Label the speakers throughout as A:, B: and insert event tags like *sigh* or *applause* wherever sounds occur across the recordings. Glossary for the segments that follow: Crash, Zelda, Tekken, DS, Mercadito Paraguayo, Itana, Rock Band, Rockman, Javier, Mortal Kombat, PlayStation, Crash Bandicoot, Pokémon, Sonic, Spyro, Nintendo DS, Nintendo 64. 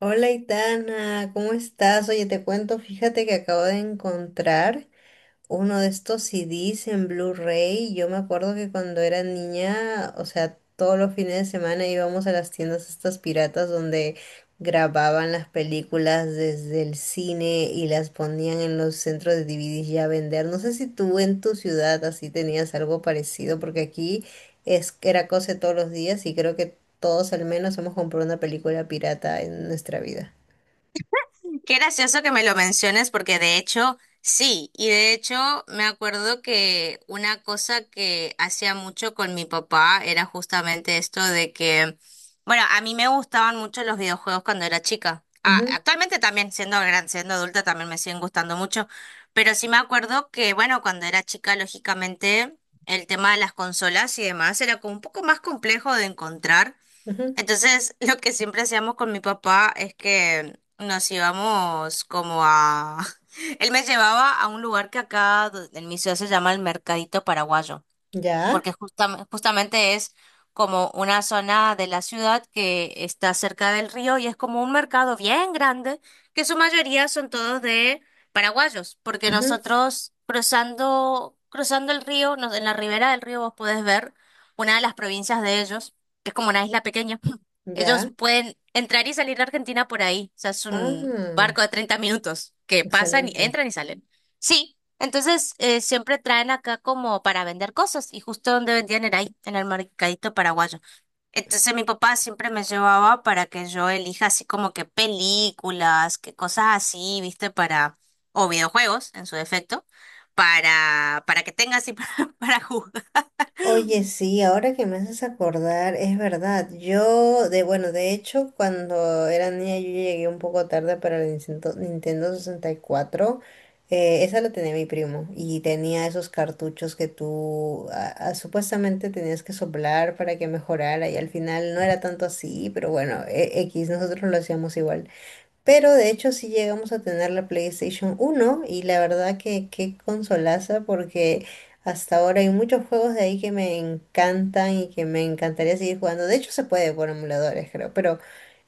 A: Hola, Itana, ¿cómo estás? Oye, te cuento, fíjate que acabo de encontrar uno de estos CDs en Blu-ray. Yo me acuerdo que cuando era niña, o sea, todos los fines de semana íbamos a las tiendas estas piratas donde grababan las películas desde el cine y las ponían en los centros de DVDs ya a vender. No sé si tú en tu ciudad así tenías algo parecido, porque aquí es era cosa de todos los días y creo que todos al menos hemos comprado una película pirata en nuestra vida.
B: Qué gracioso que me lo menciones porque de hecho, sí, y de hecho me acuerdo que una cosa que hacía mucho con mi papá era justamente esto de que, bueno, a mí me gustaban mucho los videojuegos cuando era chica. Ah,
A: Ujú,
B: actualmente también, siendo gran, siendo adulta, también me siguen gustando mucho, pero sí me acuerdo que, bueno, cuando era chica, lógicamente, el tema de las consolas y demás era como un poco más complejo de encontrar.
A: ujú.
B: Entonces, lo que siempre hacíamos con mi papá es que nos íbamos como a... *laughs* Él me llevaba a un lugar que acá en mi ciudad se llama el Mercadito Paraguayo
A: ¿Ya?
B: porque justamente es como una zona de la ciudad que está cerca del río y es como un mercado bien grande, que su mayoría son todos de paraguayos, porque
A: Ujú.
B: nosotros cruzando, cruzando el río, en la ribera del río vos podés ver una de las provincias de ellos, que es como una isla pequeña. *laughs* Ellos
A: ¿Ya?
B: pueden entrar y salir de Argentina por ahí, o sea, es un
A: Ah.
B: barco de 30 minutos que pasan y
A: Excelente.
B: entran y salen. Sí, entonces, siempre traen acá como para vender cosas y justo donde vendían era ahí, en el mercadito paraguayo. Entonces mi papá siempre me llevaba para que yo elija así como que películas, que cosas así, viste, para, o videojuegos en su defecto, para que tenga así *laughs* para jugar.
A: Oye, sí, ahora que me haces acordar, es verdad. Yo, de bueno, de hecho, cuando era niña yo llegué un poco tarde para el Nintendo, Nintendo 64. Esa la tenía mi primo y tenía esos cartuchos que tú supuestamente tenías que soplar para que mejorara y al final no era tanto así, pero bueno, X, nosotros lo hacíamos igual. Pero de hecho sí llegamos a tener la PlayStation uno y la verdad que qué consolaza porque hasta ahora hay muchos juegos de ahí que me encantan y que me encantaría seguir jugando. De hecho se puede por emuladores creo, pero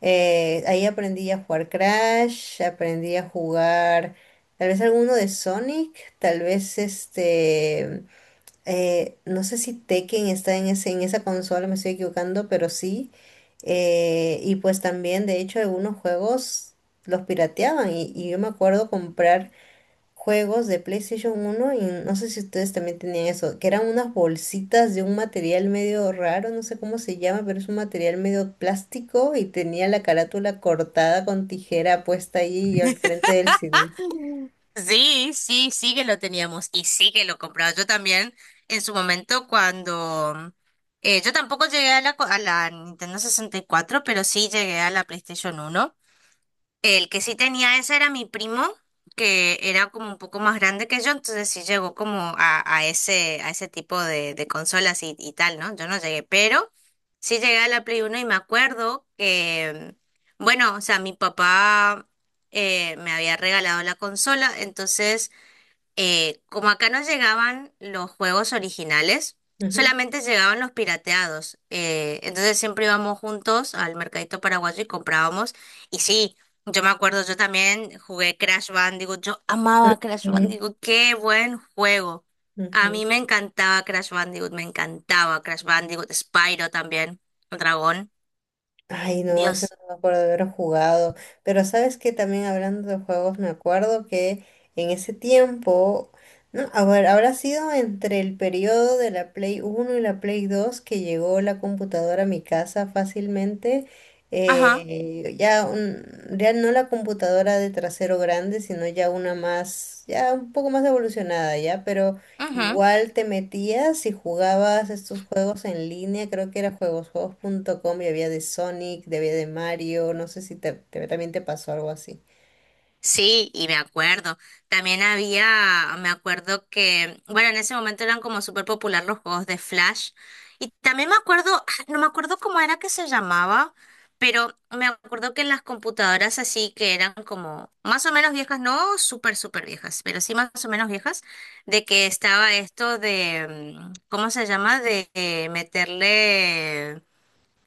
A: ahí aprendí a jugar Crash, aprendí a jugar tal vez alguno de Sonic, tal vez este no sé si Tekken está en en esa consola, me estoy equivocando, pero sí. Y pues también, de hecho, algunos juegos los pirateaban. Y yo me acuerdo comprar juegos de PlayStation uno y no sé si ustedes también tenían eso, que eran unas bolsitas de un material medio raro, no sé cómo se llama, pero es un material medio plástico y tenía la carátula cortada con tijera puesta ahí al frente del CD.
B: Sí, sí, sí que lo teníamos y sí que lo compraba. Yo también en su momento cuando... yo tampoco llegué a la, a la Nintendo 64, pero sí llegué a la PlayStation uno. El que sí tenía esa era mi primo, que era como un poco más grande que yo, entonces sí llegó como a ese tipo de consolas y tal, ¿no? Yo no llegué, pero sí llegué a la Play uno y me acuerdo que, bueno, o sea, mi papá me había regalado la consola, entonces como acá no llegaban los juegos originales,
A: Ujú.
B: solamente llegaban los pirateados. Entonces siempre íbamos juntos al mercadito paraguayo y comprábamos. Y sí, yo me acuerdo, yo también jugué Crash Bandicoot. Yo amaba Crash
A: Ujú,
B: Bandicoot. Qué buen juego. A
A: ujú.
B: mí me encantaba Crash Bandicoot, me encantaba Crash Bandicoot, Spyro también, el dragón.
A: Ay, no, ese
B: Dios.
A: no me acuerdo de haber jugado. Pero sabes que también hablando de juegos, me acuerdo que en ese tiempo, no, a ver, habrá sido entre el periodo de la Play Uno y la Play Dos que llegó la computadora a mi casa fácilmente.
B: Ajá.
A: Ya, ya no la computadora de trasero grande, sino ya una más, ya un poco más evolucionada, ya, pero
B: Ujú.
A: igual te metías y jugabas estos juegos en línea, creo que era juegosjuegos.com y había de Sonic, había de Mario, no sé si también te pasó algo así.
B: Sí, y me acuerdo. También había, me acuerdo que, bueno, en ese momento eran como súper popular los juegos de Flash. Y también me acuerdo, ah, no me acuerdo cómo era que se llamaba, pero me acuerdo que en las computadoras así que eran como más o menos viejas, no súper, súper viejas, pero sí más o menos viejas, de que estaba esto de, ¿cómo se llama? De meterle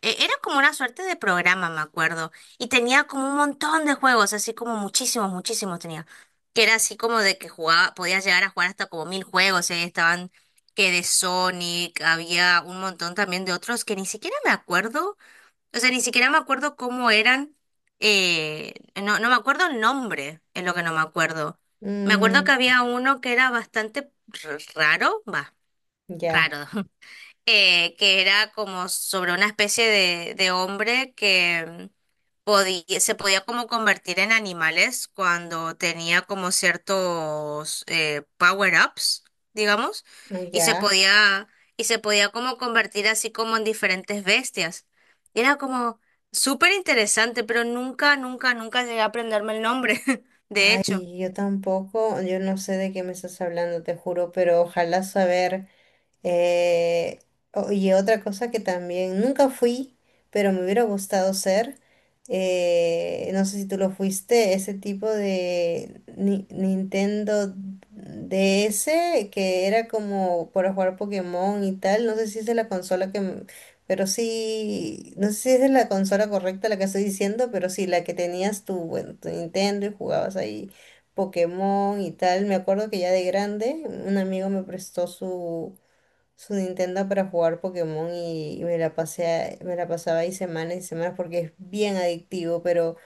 B: Era como una suerte de programa, me acuerdo. Y tenía como un montón de juegos, así como muchísimos, muchísimos tenía. Que era así como de que jugaba, podías llegar a jugar hasta como 1000 juegos. Y ahí estaban que de Sonic, había un montón también de otros que ni siquiera me acuerdo. O sea, ni siquiera me acuerdo cómo eran. eh, no, no me acuerdo el nombre, es lo que no me acuerdo. Me acuerdo que
A: Mm,
B: había uno que era bastante raro, va,
A: ya,
B: raro. *laughs* Que era como sobre una especie de hombre que podía, se podía como convertir en animales cuando tenía como ciertos power-ups, digamos,
A: ah,
B: y se
A: ya.
B: podía, y se podía como convertir así como en diferentes bestias. Y era como súper interesante, pero nunca, nunca, nunca llegué a aprenderme el nombre, *laughs* de hecho.
A: Ay, yo tampoco, yo no sé de qué me estás hablando, te juro, pero ojalá saber. Eh, y otra cosa que también nunca fui, pero me hubiera gustado ser, no sé si tú lo fuiste, ese tipo de Nintendo DS que era como para jugar Pokémon y tal, no sé si es de la consola que... m- Pero sí, no sé si es de la consola correcta la que estoy diciendo, pero sí, la que tenías tu, bueno, tu Nintendo y jugabas ahí Pokémon y tal. Me acuerdo que ya de grande un amigo me prestó su Nintendo para jugar Pokémon y me la pasé, me la pasaba ahí semanas y semanas porque es bien adictivo, pero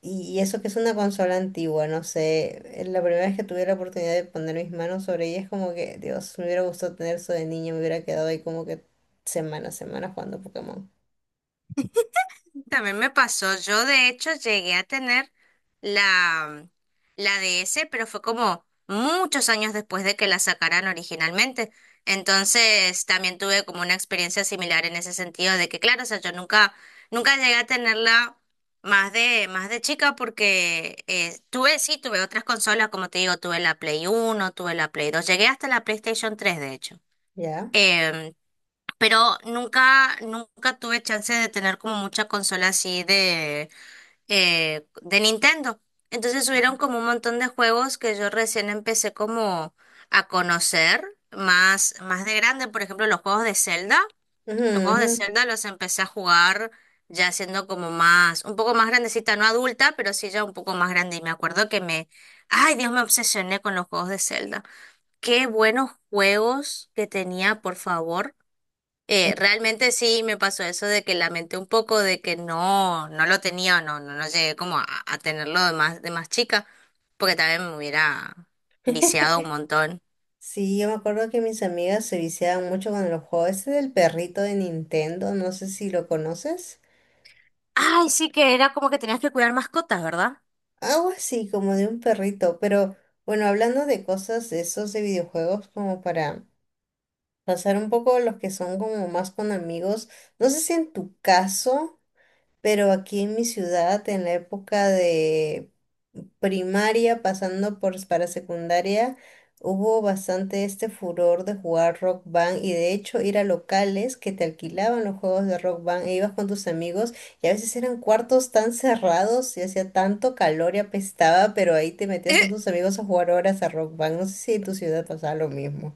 A: y eso que es una consola antigua, no sé, la primera vez que tuve la oportunidad de poner mis manos sobre ella es como que, Dios, me hubiera gustado tener eso de niño, me hubiera quedado ahí como que semanas, semanas jugando Pokémon.
B: También me pasó, yo de hecho llegué a tener la, la DS, pero fue como muchos años después de que la sacaran originalmente. Entonces también tuve como una experiencia similar en ese sentido de que, claro, o sea, yo nunca, nunca llegué a tenerla más de chica porque tuve, sí, tuve otras consolas, como te digo, tuve la Play uno, tuve la Play dos, llegué hasta la PlayStation tres de hecho.
A: ¿Ya?
B: Em, pero nunca, nunca tuve chance de tener como mucha consola así de Nintendo. Entonces hubieron como un montón de juegos que yo recién empecé como a conocer más, más de grande. Por ejemplo, los juegos de Zelda.
A: Ujú,
B: Los juegos de
A: ujú.
B: Zelda los empecé a jugar ya siendo como más, un poco más grandecita, no adulta, pero sí ya un poco más grande. Y me acuerdo que me, ay Dios, me obsesioné con los juegos de Zelda. Qué buenos juegos que tenía, por favor.
A: Pues,
B: Realmente sí me pasó eso de que lamenté un poco de que no, no lo tenía o no, no, no llegué como a tenerlo de más chica, porque también me hubiera viciado un montón.
A: sí, yo me acuerdo que mis amigas se viciaban mucho con el juego ese del perrito de Nintendo, no sé si lo conoces.
B: Ay, sí que era como que tenías que cuidar mascotas, ¿verdad?
A: Algo así, como de un perrito, pero bueno, hablando de cosas de esos de videojuegos, como para pasar un poco a los que son como más con amigos, no sé si en tu caso, pero aquí en mi ciudad, en la época de primaria, pasando por para secundaria, hubo bastante este furor de jugar Rock Band y de hecho ir a locales que te alquilaban los juegos de Rock Band e ibas con tus amigos y a veces eran cuartos tan cerrados y hacía tanto calor y apestaba, pero ahí te metías con tus
B: *laughs*
A: amigos a jugar horas a Rock Band. No sé si en tu ciudad pasaba lo mismo.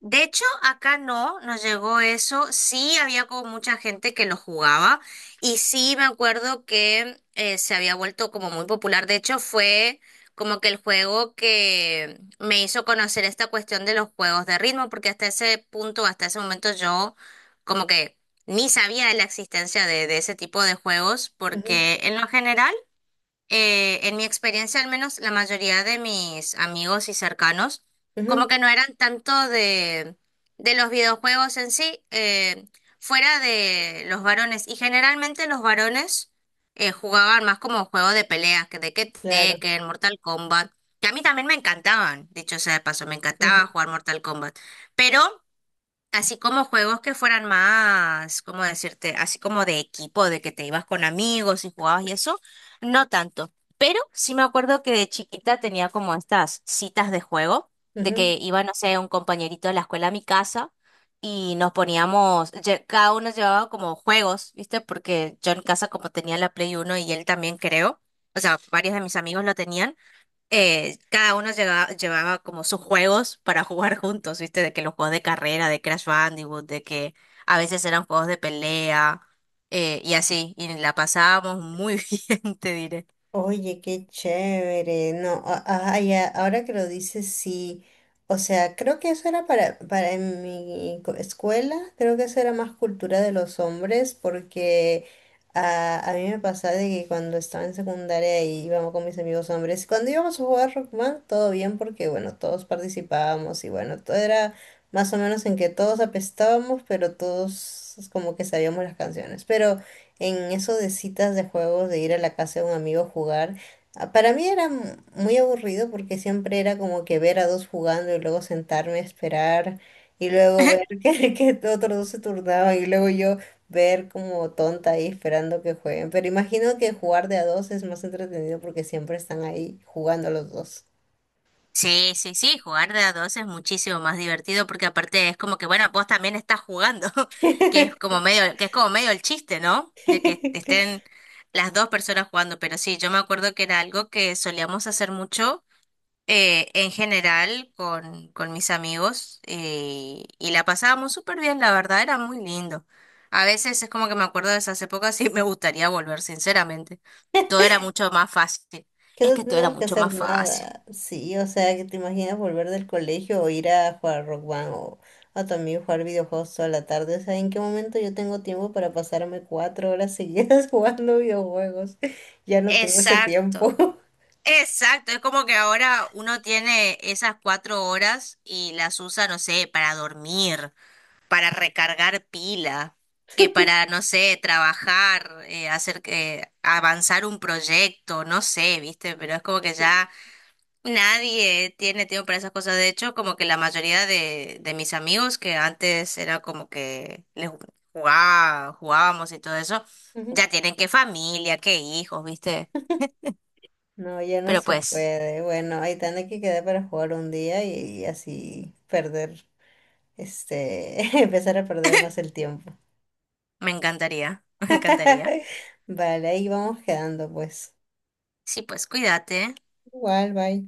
B: De hecho, acá no nos llegó eso. Sí, había como mucha gente que lo jugaba y sí me acuerdo que se había vuelto como muy popular. De hecho, fue como que el juego que me hizo conocer esta cuestión de los juegos de ritmo, porque hasta ese punto, hasta ese momento yo como que ni sabía de la existencia de ese tipo de juegos,
A: Ujú,
B: porque en lo general en mi experiencia al menos, la mayoría de mis amigos y cercanos, como
A: ujú,
B: que no eran tanto de los videojuegos en sí, fuera de los varones. Y generalmente los varones jugaban más como juego de peleas, que de que
A: claro.
B: Tekken, Mortal Kombat, que a mí también me encantaban, dicho sea de paso, me encantaba
A: Ujú,
B: jugar Mortal Kombat. Pero así como juegos que fueran más, ¿cómo decirte? Así como de equipo, de que te ibas con amigos y jugabas y eso, no tanto. Pero sí me acuerdo que de chiquita tenía como estas citas de juego, de
A: ujú.
B: que iba, no sé, un compañerito de la escuela a mi casa y nos poníamos, cada uno llevaba como juegos, ¿viste? Porque yo en casa como tenía la Play Uno y él también creo, o sea, varios de mis amigos lo tenían cada uno llevaba como sus juegos para *laughs* jugar juntos, ¿viste? De que los juegos de carrera, de Crash Bandicoot, de que a veces eran juegos de pelea y así, y la pasábamos muy *laughs* bien, te diré.
A: Oye, qué chévere. No, ajá, ya, ahora que lo dices, sí. O sea, creo que eso era para en mi escuela, creo que eso era más cultura de los hombres, porque ah, a mí me pasaba de que cuando estaba en secundaria y íbamos con mis amigos hombres, cuando íbamos a jugar Rockman, todo bien, porque bueno, todos participábamos y bueno, todo era más o menos en que todos apestábamos, pero todos como que sabíamos las canciones. Pero en eso de citas de juegos, de ir a la casa de un amigo a jugar, ah, para mí era muy aburrido porque siempre era como que ver a dos jugando y luego sentarme a esperar y luego ver *laughs*
B: *laughs*
A: que otros dos se turnaban y luego yo ver como tonta ahí esperando que jueguen. Pero imagino que jugar de a dos es más entretenido porque siempre están ahí jugando los dos.
B: Sí, sí, sí, jugar de a dos es muchísimo más divertido porque aparte es como que, bueno, vos también estás jugando, *laughs* que es
A: *laughs*
B: como medio, que es como medio el chiste, ¿no? De que estén las dos personas jugando, pero sí, yo me acuerdo que era algo que solíamos hacer mucho en general con mis amigos y la pasábamos súper bien, la verdad era muy lindo. A veces es como que me acuerdo de esas épocas y *laughs* me gustaría volver, sinceramente. Todo era mucho más fácil.
A: Que
B: Es
A: no
B: que todo era
A: tenemos que
B: mucho
A: hacer
B: más fácil.
A: nada. Sí, o sea, que te imaginas volver del colegio o ir a jugar Rock Band o a tu amigo jugar videojuegos toda la tarde. O sea, ¿en qué momento yo tengo tiempo para pasarme 4 horas seguidas *laughs* jugando videojuegos? Ya no tengo ese
B: Exacto,
A: tiempo. *laughs*
B: exacto. Es como que ahora uno tiene esas 4 horas y las usa, no sé, para dormir, para recargar pila, que para, no sé, trabajar, hacer que avanzar un proyecto, no sé, ¿viste? Pero es como que ya nadie tiene tiempo para esas cosas. De hecho, como que la mayoría de mis amigos que antes era como que les jugaba, jugábamos y todo eso,
A: Ujú.
B: ya tienen que familia, que hijos, ¿viste?
A: No, ya no
B: Pero
A: se
B: pues,
A: puede. Bueno, ahí tiene que quedar para jugar un día y así perder, este, *laughs* empezar a perder más el tiempo.
B: me encantaría, *laughs* me encantaría.
A: *laughs* Vale, ahí vamos quedando, pues.
B: Sí, pues cuídate.
A: Igual, bye.